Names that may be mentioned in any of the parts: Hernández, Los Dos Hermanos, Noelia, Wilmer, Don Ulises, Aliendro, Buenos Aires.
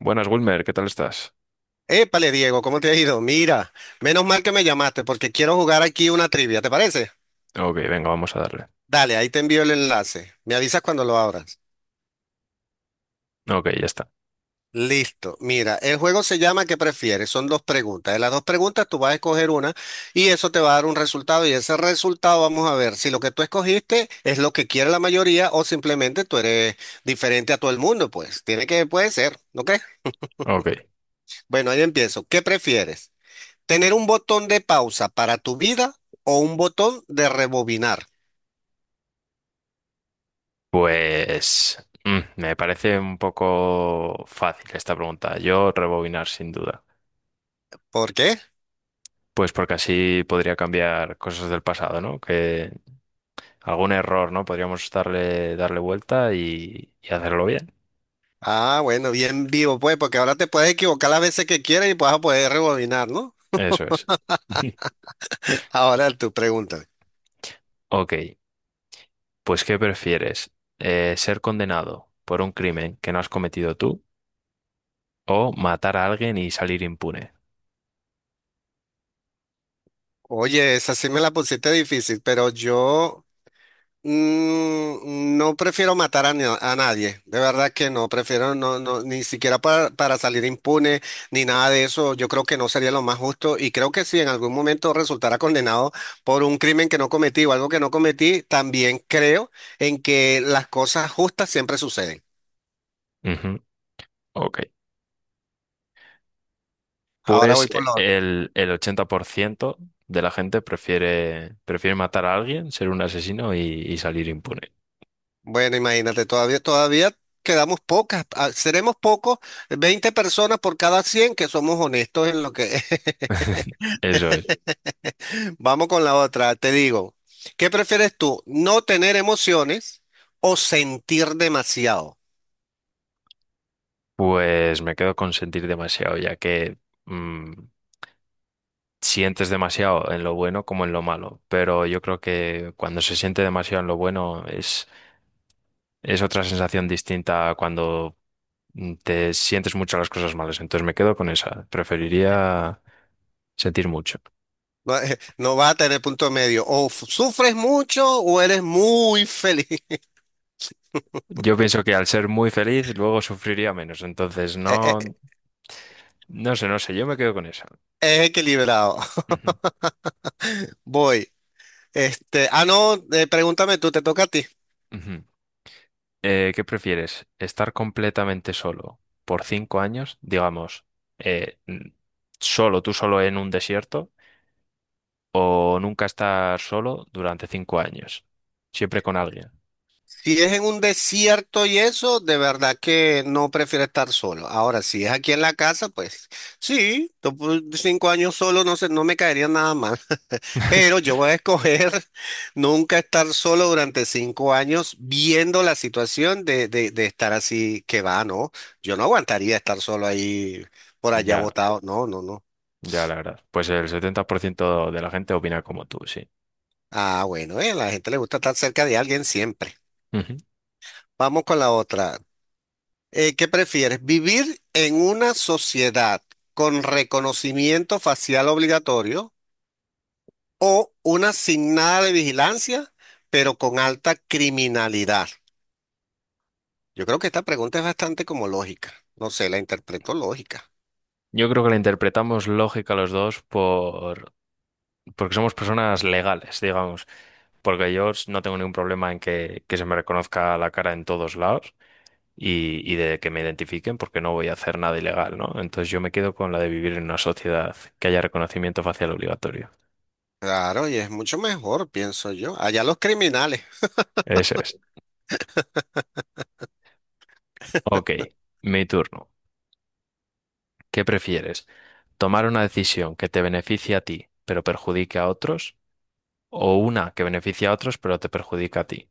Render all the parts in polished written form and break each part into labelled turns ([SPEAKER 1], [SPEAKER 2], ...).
[SPEAKER 1] Buenas, Wilmer, ¿qué tal estás?
[SPEAKER 2] Épale, Diego, ¿cómo te ha ido? Mira, menos mal que me llamaste porque quiero jugar aquí una trivia, ¿te parece?
[SPEAKER 1] Ok, venga, vamos a darle.
[SPEAKER 2] Dale, ahí te envío el enlace. Me avisas cuando lo abras.
[SPEAKER 1] Ok, ya está.
[SPEAKER 2] Listo. Mira, el juego se llama ¿Qué prefieres? Son dos preguntas. De las dos preguntas tú vas a escoger una y eso te va a dar un resultado y ese resultado vamos a ver si lo que tú escogiste es lo que quiere la mayoría o simplemente tú eres diferente a todo el mundo, pues. Tiene que, puede ser, ¿no crees?
[SPEAKER 1] Ok.
[SPEAKER 2] Bueno, ahí empiezo. ¿Qué prefieres? Tener un botón de pausa para tu vida o un botón de rebobinar.
[SPEAKER 1] Pues me parece un poco fácil esta pregunta. Yo rebobinar sin duda.
[SPEAKER 2] ¿Por qué?
[SPEAKER 1] Pues porque así podría cambiar cosas del pasado, ¿no? Que algún error, ¿no? Podríamos darle vuelta y hacerlo bien.
[SPEAKER 2] Ah, bueno, bien vivo, pues, porque ahora te puedes equivocar las veces que quieras y vas a poder rebobinar, ¿no?
[SPEAKER 1] Eso es.
[SPEAKER 2] Ahora tú pregúntame.
[SPEAKER 1] Ok, pues ¿qué prefieres? ¿Ser condenado por un crimen que no has cometido tú o matar a alguien y salir impune?
[SPEAKER 2] Oye, esa sí me la pusiste difícil, pero yo no prefiero matar a, na- a nadie, de verdad que no, prefiero no, no, ni siquiera para salir impune ni nada de eso. Yo creo que no sería lo más justo y creo que si en algún momento resultara condenado por un crimen que no cometí o algo que no cometí, también creo en que las cosas justas siempre suceden.
[SPEAKER 1] Ujú. Ok.
[SPEAKER 2] Ahora
[SPEAKER 1] Pues
[SPEAKER 2] voy por lo otro.
[SPEAKER 1] el 80% de la gente prefiere matar a alguien, ser un asesino y salir impune.
[SPEAKER 2] Bueno, imagínate, todavía quedamos pocas, ah, seremos pocos, 20 personas por cada 100 que somos honestos en lo que,
[SPEAKER 1] Eso es.
[SPEAKER 2] Vamos con la otra. Te digo, ¿qué prefieres tú? ¿No tener emociones o sentir demasiado?
[SPEAKER 1] Pues me quedo con sentir demasiado, ya que mm, sientes demasiado en lo bueno como en lo malo. Pero yo creo que cuando se siente demasiado en lo bueno es otra sensación distinta a cuando te sientes mucho las cosas malas. Entonces me quedo con esa. Preferiría sentir mucho.
[SPEAKER 2] No, no vas a tener punto medio. O f- sufres mucho o eres muy feliz.
[SPEAKER 1] Yo pienso que al ser muy feliz, luego sufriría menos. Entonces,
[SPEAKER 2] Eh,
[SPEAKER 1] no,
[SPEAKER 2] eh,
[SPEAKER 1] no sé, no sé, yo me quedo con esa.
[SPEAKER 2] Es equilibrado.
[SPEAKER 1] Ujú,
[SPEAKER 2] Voy. Este, ah, no, Pregúntame tú, te toca a ti.
[SPEAKER 1] ujú. ¿Qué prefieres? ¿Estar completamente solo por 5 años, digamos, eh, n- solo, tú solo en un desierto, o nunca estar solo durante 5 años, siempre con alguien?
[SPEAKER 2] Si es en un desierto y eso, de verdad que no prefiero estar solo. Ahora, si es aquí en la casa, pues sí, to- por 5 años solo no sé, no me caería nada mal. Pero yo voy a escoger nunca estar solo durante 5 años viendo la situación de estar así que va, ¿no? Yo no aguantaría estar solo ahí por allá
[SPEAKER 1] Ya,
[SPEAKER 2] botado. No, no, no.
[SPEAKER 1] ya, la verdad. Pues el 70% de la gente opina como tú, sí.
[SPEAKER 2] Ah, bueno, a la gente le gusta estar cerca de alguien siempre.
[SPEAKER 1] Ujú.
[SPEAKER 2] Vamos con la otra. ¿Qué prefieres? ¿Vivir en una sociedad con reconocimiento facial obligatorio o una sin nada de vigilancia, pero con alta criminalidad? Yo creo que esta pregunta es bastante como lógica. No sé, la interpreto lógica.
[SPEAKER 1] Yo creo que la interpretamos lógica los dos porque somos personas legales, digamos. Porque yo no tengo ningún problema en que se me reconozca la cara en todos lados y de que me identifiquen porque no voy a hacer nada ilegal, ¿no? Entonces yo me quedo con la de vivir en una sociedad que haya reconocimiento facial obligatorio.
[SPEAKER 2] Claro, y es mucho mejor, pienso yo. Allá los criminales.
[SPEAKER 1] Eso es. Ok, mi turno. ¿Qué prefieres? ¿Tomar una decisión que te beneficie a ti pero perjudique a otros o una que beneficie a otros pero te perjudica a ti?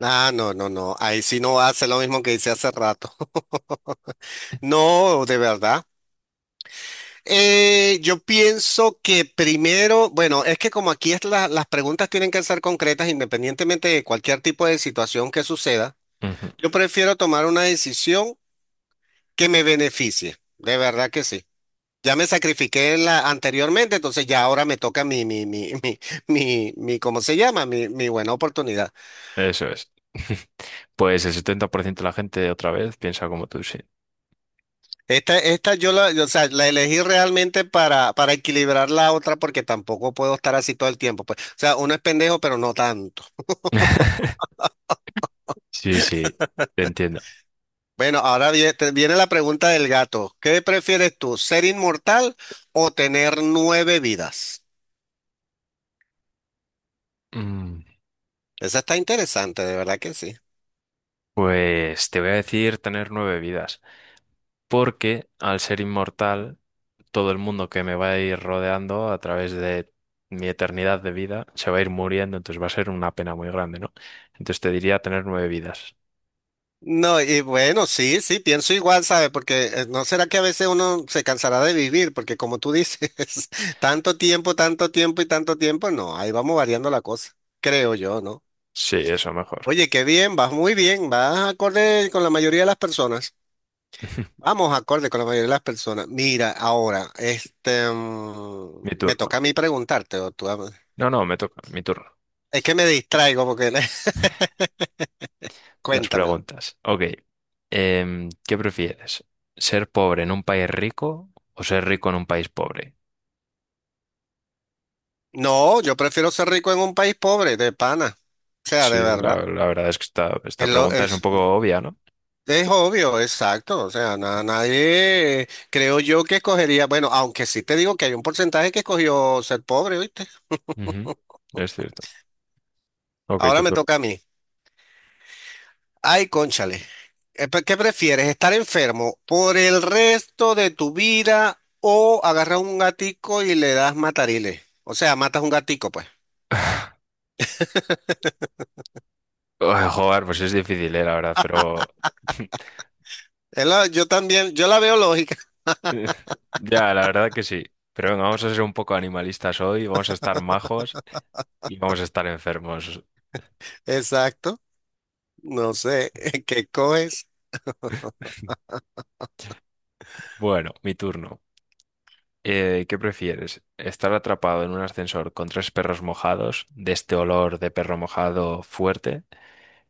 [SPEAKER 2] Ah, no, no, no. Ahí sí no hace lo mismo que hice hace rato. No, de verdad. Yo pienso que primero, bueno, es que como aquí es la- las preguntas tienen que ser concretas independientemente de cualquier tipo de situación que suceda,
[SPEAKER 1] Ujú.
[SPEAKER 2] yo prefiero tomar una decisión que me beneficie. De verdad que sí. Ya me sacrifiqué la, anteriormente, entonces ya ahora me toca ¿cómo se llama? Mi buena oportunidad.
[SPEAKER 1] Eso es. Pues el 70% de la gente otra vez piensa como tú, sí.
[SPEAKER 2] Esta yo la, o sea, la elegí realmente para equilibrar la otra porque tampoco puedo estar así todo el tiempo. Pues. O sea, uno es pendejo, pero no tanto.
[SPEAKER 1] Sí, sí, te entiendo.
[SPEAKER 2] Bueno, ahora viene la pregunta del gato. ¿Qué prefieres tú, ser inmortal o tener nueve vidas?
[SPEAKER 1] Mm,
[SPEAKER 2] Esa está interesante, de verdad que sí.
[SPEAKER 1] Pues te voy a decir tener nueve vidas, porque al ser inmortal, todo el mundo que me va a ir rodeando a través de mi eternidad de vida se va a ir muriendo, entonces va a ser una pena muy grande, ¿no? Entonces te diría tener nueve vidas.
[SPEAKER 2] No, y bueno, sí, sí, pienso igual, ¿sabe? Porque no será que a veces uno se cansará de vivir, porque como tú dices, tanto tiempo y tanto tiempo, no, ahí vamos variando la cosa, creo yo, ¿no?
[SPEAKER 1] Sí, eso mejor.
[SPEAKER 2] Oye, qué bien, vas muy bien, vas acorde con la mayoría de las personas. Vamos acorde con la mayoría de las personas. Mira, ahora,
[SPEAKER 1] Mi
[SPEAKER 2] me
[SPEAKER 1] turno.
[SPEAKER 2] toca a mí preguntarte, o tú, a-
[SPEAKER 1] No, no, me toca, mi turno.
[SPEAKER 2] es que me distraigo porque,
[SPEAKER 1] Las
[SPEAKER 2] cuéntamelo.
[SPEAKER 1] preguntas. Ok. ¿Qué prefieres? ¿Ser pobre en un país rico o ser rico en un país pobre?
[SPEAKER 2] No, yo prefiero ser rico en un país pobre, de pana, o sea, de
[SPEAKER 1] Sí,
[SPEAKER 2] verdad.
[SPEAKER 1] la verdad es que esta
[SPEAKER 2] Es, lo-
[SPEAKER 1] pregunta es un poco obvia, ¿no?
[SPEAKER 2] es obvio, exacto. O sea,
[SPEAKER 1] Ujú.
[SPEAKER 2] na- nadie, creo yo que escogería, bueno, aunque sí te digo que hay un porcentaje que escogió ser pobre, ¿viste?
[SPEAKER 1] Ujú, es cierto. Ok,
[SPEAKER 2] Ahora
[SPEAKER 1] tu
[SPEAKER 2] me
[SPEAKER 1] turno.
[SPEAKER 2] toca a mí. Ay, cónchale. ¿Qué prefieres? ¿Estar enfermo por el resto de tu vida o agarrar un gatico y le das matariles? O sea, matas un gatico, pues.
[SPEAKER 1] Ay, joder, pues es difícil, la verdad, pero.
[SPEAKER 2] Es la- yo también, yo la veo lógica.
[SPEAKER 1] Eh, Ya, la verdad que sí. Pero venga, vamos a ser un poco animalistas hoy, vamos a estar majos y vamos a estar enfermos.
[SPEAKER 2] Exacto. No sé, ¿qué coges?
[SPEAKER 1] Bueno, mi turno. ¿Qué prefieres? ¿Estar atrapado en un ascensor con tres perros mojados, de este olor de perro mojado fuerte,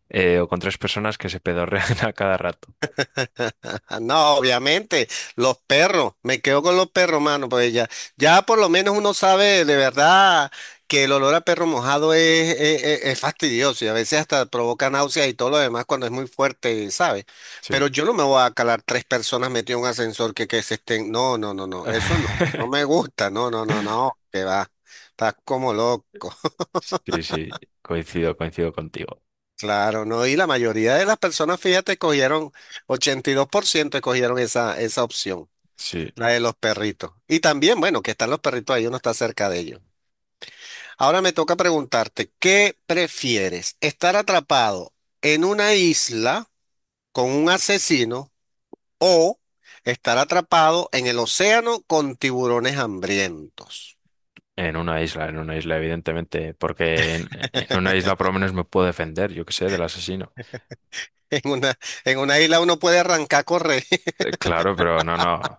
[SPEAKER 1] o con tres personas que se pedorrean a cada rato?
[SPEAKER 2] No, obviamente, los perros, me quedo con los perros, mano, pues ya, ya por lo menos uno sabe de verdad que el olor a perro mojado es fastidioso y a veces hasta provoca náuseas y todo lo demás cuando es muy fuerte, ¿sabes?
[SPEAKER 1] Sí.
[SPEAKER 2] Pero yo no me voy a calar tres personas metidas en un ascensor que se estén, no, no, no, no, eso no, no me gusta, no, no, no, no, que va, estás como loco.
[SPEAKER 1] Sí, sí, coincido contigo.
[SPEAKER 2] Claro, no, y la mayoría de las personas, fíjate, cogieron, 82% escogieron esa, esa opción.
[SPEAKER 1] Sí,
[SPEAKER 2] La de los perritos. Y también, bueno, que están los perritos ahí, uno está cerca de ellos. Ahora me toca preguntarte, ¿qué prefieres? ¿Estar atrapado en una isla con un asesino o estar atrapado en el océano con tiburones hambrientos?
[SPEAKER 1] en una isla, evidentemente, porque en una isla por lo menos me puedo defender, yo qué sé, del asesino.
[SPEAKER 2] En una isla uno puede arrancar a correr,
[SPEAKER 1] Claro, pero no, no,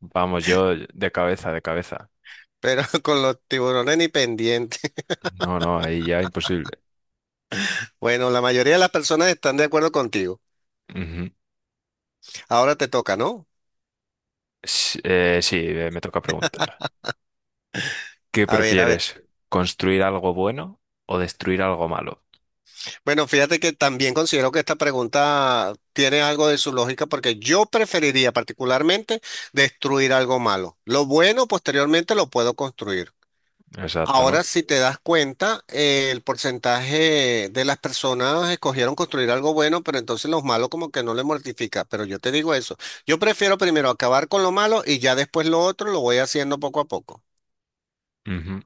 [SPEAKER 1] vamos, yo de cabeza, de cabeza.
[SPEAKER 2] pero con los tiburones ni pendientes.
[SPEAKER 1] No, no, ahí ya imposible.
[SPEAKER 2] Bueno, la mayoría de las personas están de acuerdo contigo.
[SPEAKER 1] Ujú.
[SPEAKER 2] Ahora te toca, ¿no?
[SPEAKER 1] Sí, me toca preguntar. ¿Qué
[SPEAKER 2] A ver, a ver.
[SPEAKER 1] prefieres? ¿Construir algo bueno o destruir algo malo?
[SPEAKER 2] Bueno, fíjate que también considero que esta pregunta tiene algo de su lógica porque yo preferiría particularmente destruir algo malo. Lo bueno posteriormente lo puedo construir.
[SPEAKER 1] Exacto,
[SPEAKER 2] Ahora,
[SPEAKER 1] ¿no?
[SPEAKER 2] si te das cuenta, el porcentaje de las personas escogieron construir algo bueno, pero entonces los malos como que no le mortifica. Pero yo te digo eso, yo prefiero primero acabar con lo malo y ya después lo otro lo voy haciendo poco a poco.
[SPEAKER 1] Ujú.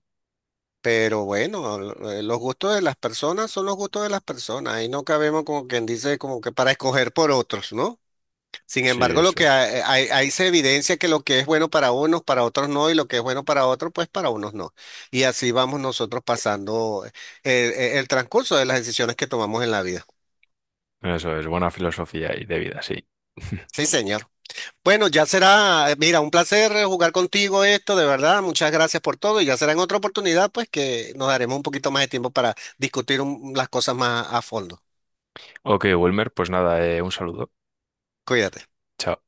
[SPEAKER 2] Pero bueno, los gustos de las personas son los gustos de las personas. Ahí no cabemos como quien dice, como que para escoger por otros, ¿no? Sin
[SPEAKER 1] Sí,
[SPEAKER 2] embargo, lo
[SPEAKER 1] eso
[SPEAKER 2] que
[SPEAKER 1] es.
[SPEAKER 2] hay- ahí se evidencia que lo que es bueno para unos, para otros no, y lo que es bueno para otros, pues para unos no. Y así vamos nosotros pasando el transcurso de las decisiones que tomamos en la vida.
[SPEAKER 1] Eso es, buena filosofía y de vida, sí.
[SPEAKER 2] Sí, señor. Bueno, ya será, mira, un placer jugar contigo esto, de verdad. Muchas gracias por todo y ya será en otra oportunidad, pues que nos daremos un poquito más de tiempo para discutir un- las cosas más a fondo.
[SPEAKER 1] Ok, Wilmer, pues nada, un saludo.
[SPEAKER 2] Cuídate.
[SPEAKER 1] Chao.